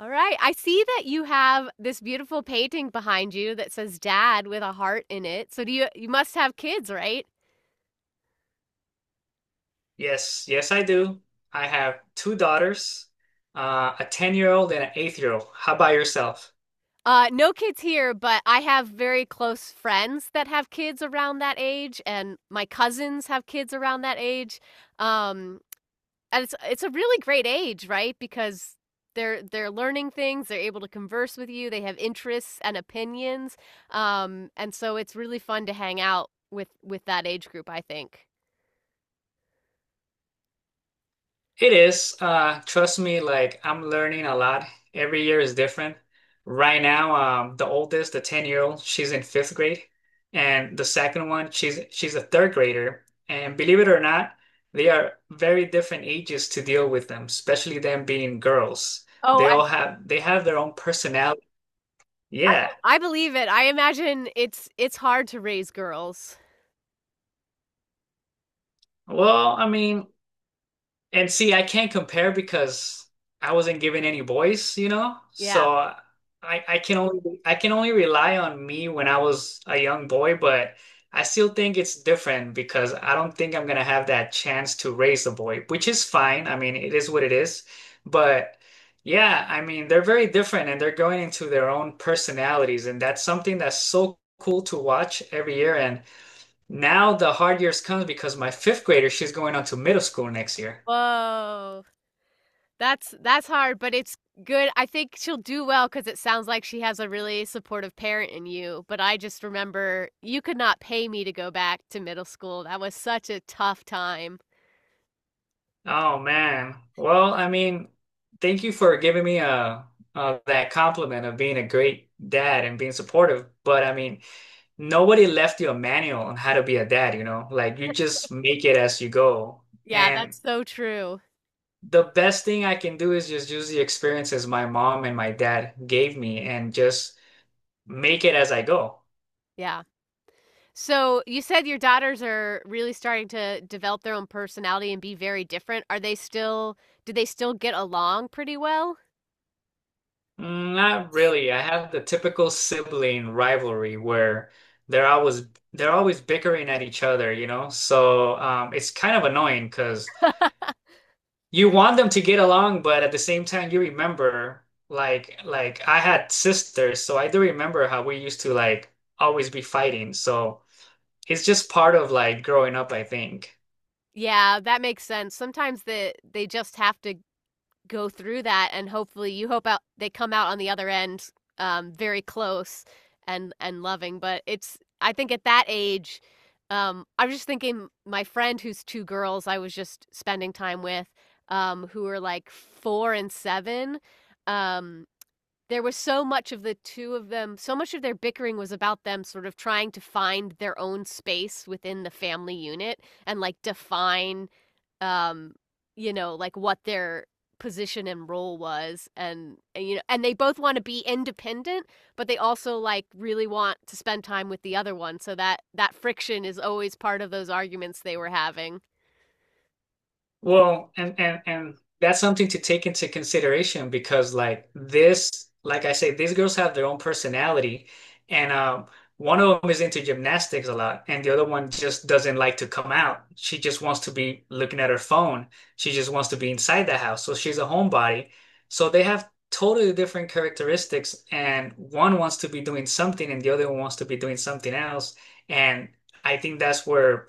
Alright, I see that you have this beautiful painting behind you that says "Dad" with a heart in it, so do you you must have kids, right? Yes, yes, I do. I have two daughters, a 10-year-old and an 8-year-old. How about yourself? No kids here, but I have very close friends that have kids around that age, and my cousins have kids around that age, um, and it's a really great age, right? Because they're learning things, they're able to converse with you, they have interests and opinions, and so it's really fun to hang out with that age group, I think. It is. Trust me, like I'm learning a lot. Every year is different. Right now, the oldest, the 10-year-old, she's in fifth grade, and the second one, she's a third grader. And believe it or not, they are very different ages to deal with them, especially them being girls. Oh, They have their own personality. Yeah. I believe it. I imagine it's hard to raise girls. Well, I mean, and see, I can't compare because I wasn't given any boys, you know? So Yeah. I can only rely on me when I was a young boy, but I still think it's different because I don't think I'm gonna have that chance to raise a boy, which is fine. I mean, it is what it is. But yeah, I mean, they're very different and they're going into their own personalities, and that's something that's so cool to watch every year. And now the hard years comes because my fifth grader, she's going on to middle school next year. Whoa. That's hard, but it's good. I think she'll do well because it sounds like she has a really supportive parent in you. But I just remember you could not pay me to go back to middle school. That was such a tough time. Oh man. Well, I mean, thank you for giving me that compliment of being a great dad and being supportive. But I mean, nobody left you a manual on how to be a dad, you know? Like you just make it as you go. Yeah, And that's so true. the best thing I can do is just use the experiences my mom and my dad gave me and just make it as I go. Yeah. So you said your daughters are really starting to develop their own personality and be very different. Do they still get along pretty well? Mm, not really. I have the typical sibling rivalry where they're always they're always bickering at each other, you know? So it's kind of annoying because you want them to get along, but at the same time, you remember like I had sisters, so I do remember how we used to like always be fighting. So it's just part of like growing up, I think. Yeah, that makes sense. Sometimes they just have to go through that and hopefully you hope out they come out on the other end, very close and loving, but it's I think at that age, I was just thinking my friend who's 2 girls I was just spending time with, who were like 4 and 7, um, there was so much of the 2 of them, so much of their bickering was about them sort of trying to find their own space within the family unit and, like, define um, you know, like what their position and role was, and you know, and they both want to be independent but they also like really want to spend time with the other one, so that that friction is always part of those arguments they were having. Well, and that's something to take into consideration because like this, like I say, these girls have their own personality, and one of them is into gymnastics a lot, and the other one just doesn't like to come out. She just wants to be looking at her phone. She just wants to be inside the house. So she's a homebody. So they have totally different characteristics, and one wants to be doing something, and the other one wants to be doing something else. And I think that's where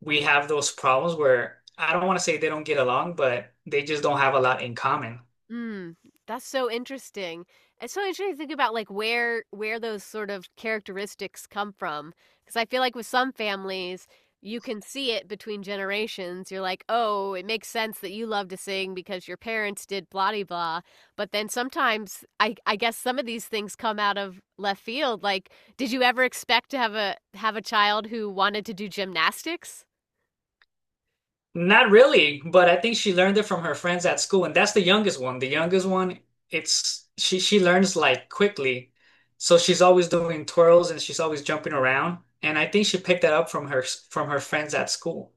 we have those problems where I don't want to say they don't get along, but they just don't have a lot in common. Mm, that's so interesting. It's so interesting to think about like where those sort of characteristics come from, because I feel like with some families, you can see it between generations. You're like, oh, it makes sense that you love to sing because your parents did blah de blah. But then sometimes, I guess some of these things come out of left field. Like, did you ever expect to have a child who wanted to do gymnastics? Not really, but I think she learned it from her friends at school, and that's the youngest one. The youngest one, it's she learns like quickly. So she's always doing twirls and she's always jumping around, and I think she picked that up from her friends at school.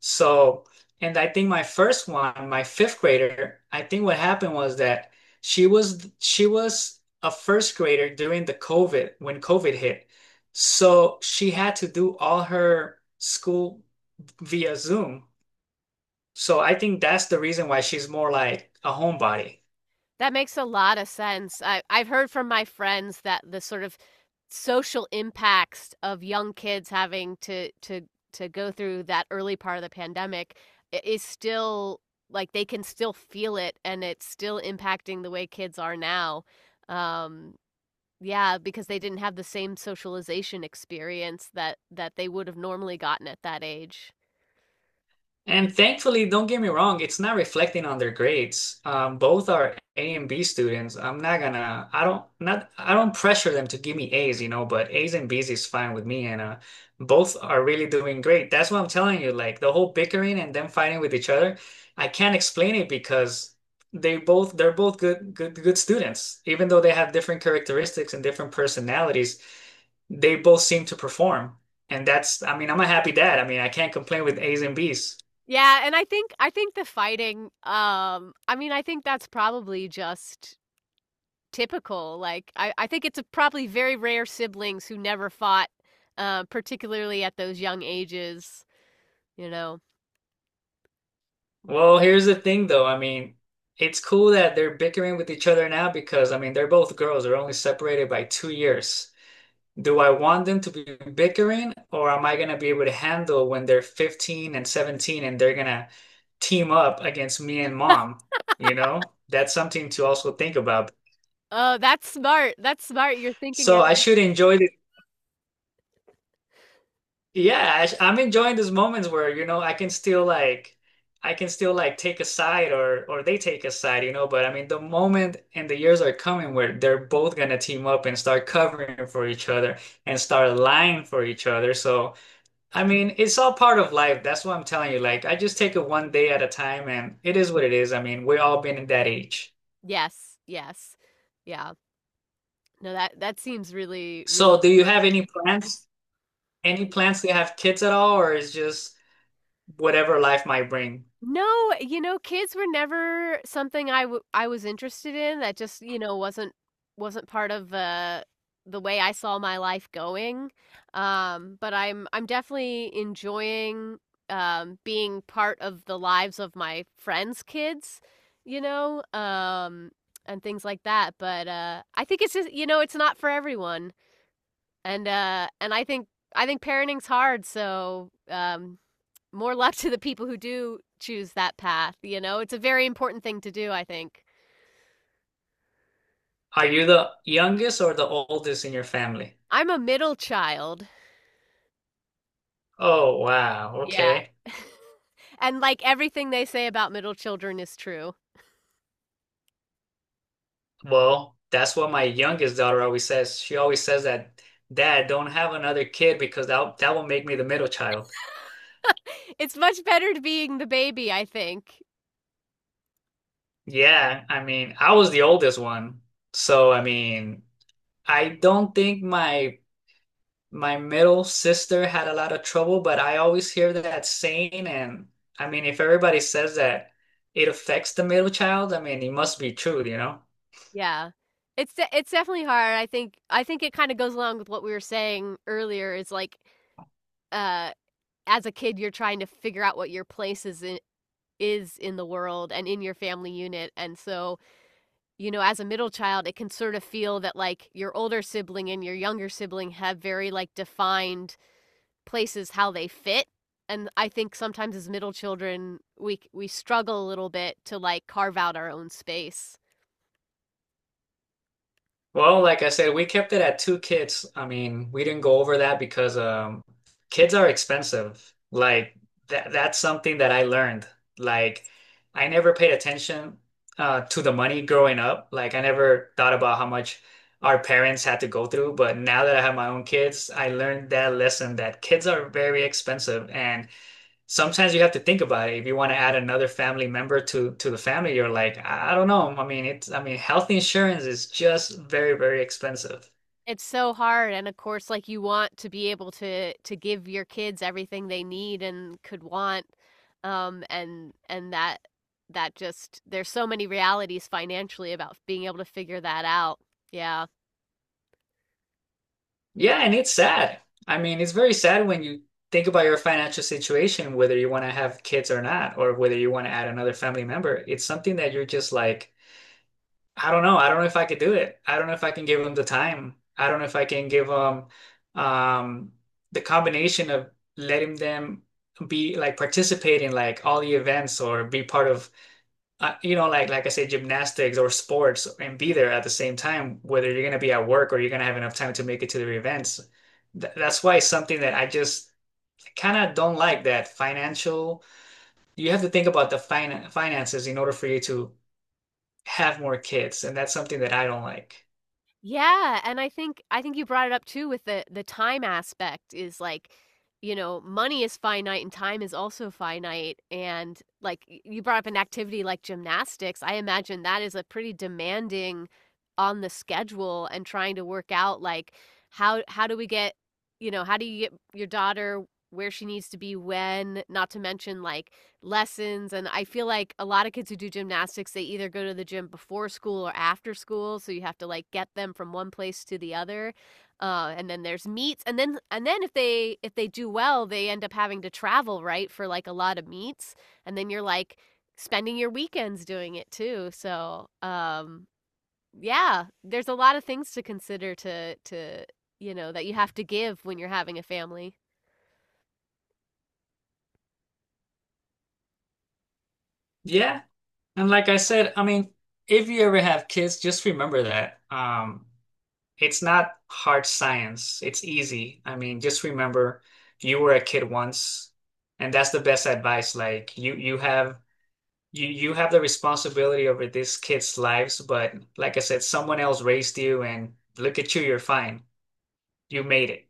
So, and I think my first one, my fifth grader, I think what happened was that she was a first grader during the COVID when COVID hit. So she had to do all her school via Zoom. So I think that's the reason why she's more like a homebody. That makes a lot of sense. I've heard from my friends that the sort of social impacts of young kids having to go through that early part of the pandemic is still like they can still feel it and it's still impacting the way kids are now. Um, yeah, because they didn't have the same socialization experience that that they would have normally gotten at that age. And thankfully, don't get me wrong, it's not reflecting on their grades. Both are A and B students. I'm not gonna, I don't, not, I don't pressure them to give me A's, you know, but A's and B's is fine with me. And both are really doing great. That's what I'm telling you. Like the whole bickering and them fighting with each other, I can't explain it because they're both good students. Even though they have different characteristics and different personalities, they both seem to perform. And that's, I mean, I'm a happy dad. I mean, I can't complain with A's and B's. Yeah, and I think the fighting I mean I think that's probably just typical. I think it's a probably very rare siblings who never fought, particularly at those young ages. You know. Well, here's the thing though. I mean, it's cool that they're bickering with each other now because I mean, they're both girls. They're only separated by 2 years. Do I want them to be bickering or am I going to be able to handle when they're 15 and 17 and they're going to team up against me and mom? You know, that's something to also think about. Oh, that's smart. That's smart. You're thinking So ahead. I should enjoy this. Yeah, I'm enjoying these moments where, you know, I can still like take a side, or they take a side, you know, but I mean the moment and the years are coming where they're both gonna team up and start covering for each other and start lying for each other. So, I mean, it's all part of life. That's what I'm telling you. Like, I just take it one day at a time and it is what it is. I mean, we've all been in that age. Yes. Yes. Yeah. No, that seems really, really. So, do you have any plans? Any plans to have kids at all, or is just whatever life might bring? No, you know, kids were never something I was interested in, that just, you know, wasn't part of, the way I saw my life going, but I'm definitely enjoying, being part of the lives of my friends' kids, you know, and things like that, but, I think it's just you know, it's not for everyone, and I think parenting's hard, so, more luck to the people who do choose that path, you know? It's a very important thing to do, I think. Are you the youngest or the oldest in your family? I'm a middle child. Oh, wow. Yeah. Okay. And, like, everything they say about middle children is true. Well, that's what my youngest daughter always says. She always says that, Dad, don't have another kid because that will make me the middle child. It's much better to being the baby, I think. Yeah, I mean, I was the oldest one. So, I mean, I don't think my middle sister had a lot of trouble, but I always hear that saying. And I mean, if everybody says that it affects the middle child, I mean, it must be true, you know? Yeah. It's definitely hard. I think it kinda goes along with what we were saying earlier is, like, uh, as a kid, you're trying to figure out what your place is in the world and in your family unit, and so you know, as a middle child, it can sort of feel that like your older sibling and your younger sibling have very like defined places how they fit. And I think sometimes as middle children, we struggle a little bit to like carve out our own space. Well, like I said, we kept it at two kids. I mean, we didn't go over that because kids are expensive. Like that's something that I learned. Like I never paid attention to the money growing up. Like I never thought about how much our parents had to go through, but now that I have my own kids, I learned that lesson that kids are very expensive and sometimes you have to think about it. If you want to add another family member to the family, you're like, I don't know. I mean, it's I mean, health insurance is just very, very expensive. It's so hard, and of course like you want to be able to give your kids everything they need and could want and and that just there's so many realities financially about being able to figure that out. Yeah. Yeah, and it's sad. I mean, it's very sad when you think about your financial situation, whether you want to have kids or not, or whether you want to add another family member. It's something that you're just like, I don't know. I don't know if I could do it. I don't know if I can give them the time. I don't know if I can give them um, the combination of letting them be like participate in like all the events or be part of you know, like I say gymnastics or sports and be there at the same time, whether you're gonna be at work or you're gonna have enough time to make it to the events. Th That's why it's something that I just kind of don't like that financial. You have to think about the finances in order for you to have more kids, and that's something that I don't like. Yeah, and I think you brought it up too with the time aspect is like, you know, money is finite and time is also finite. And like you brought up an activity like gymnastics. I imagine that is a pretty demanding on the schedule and trying to work out like how do we get, you know, how do you get your daughter where she needs to be when, not to mention like lessons, and I feel like a lot of kids who do gymnastics, they either go to the gym before school or after school, so you have to like get them from one place to the other. And then there's meets, and then if they do well, they end up having to travel, right, for like a lot of meets, and then you're like spending your weekends doing it too. So, yeah, there's a lot of things to consider to you know that you have to give when you're having a family. Yeah. And like I said, I mean, if you ever have kids, just remember that. It's not hard science. It's easy. I mean, just remember you were a kid once, and that's the best advice. Like you you have the responsibility over this kid's lives, but like I said, someone else raised you and look at you, you're fine. You made it.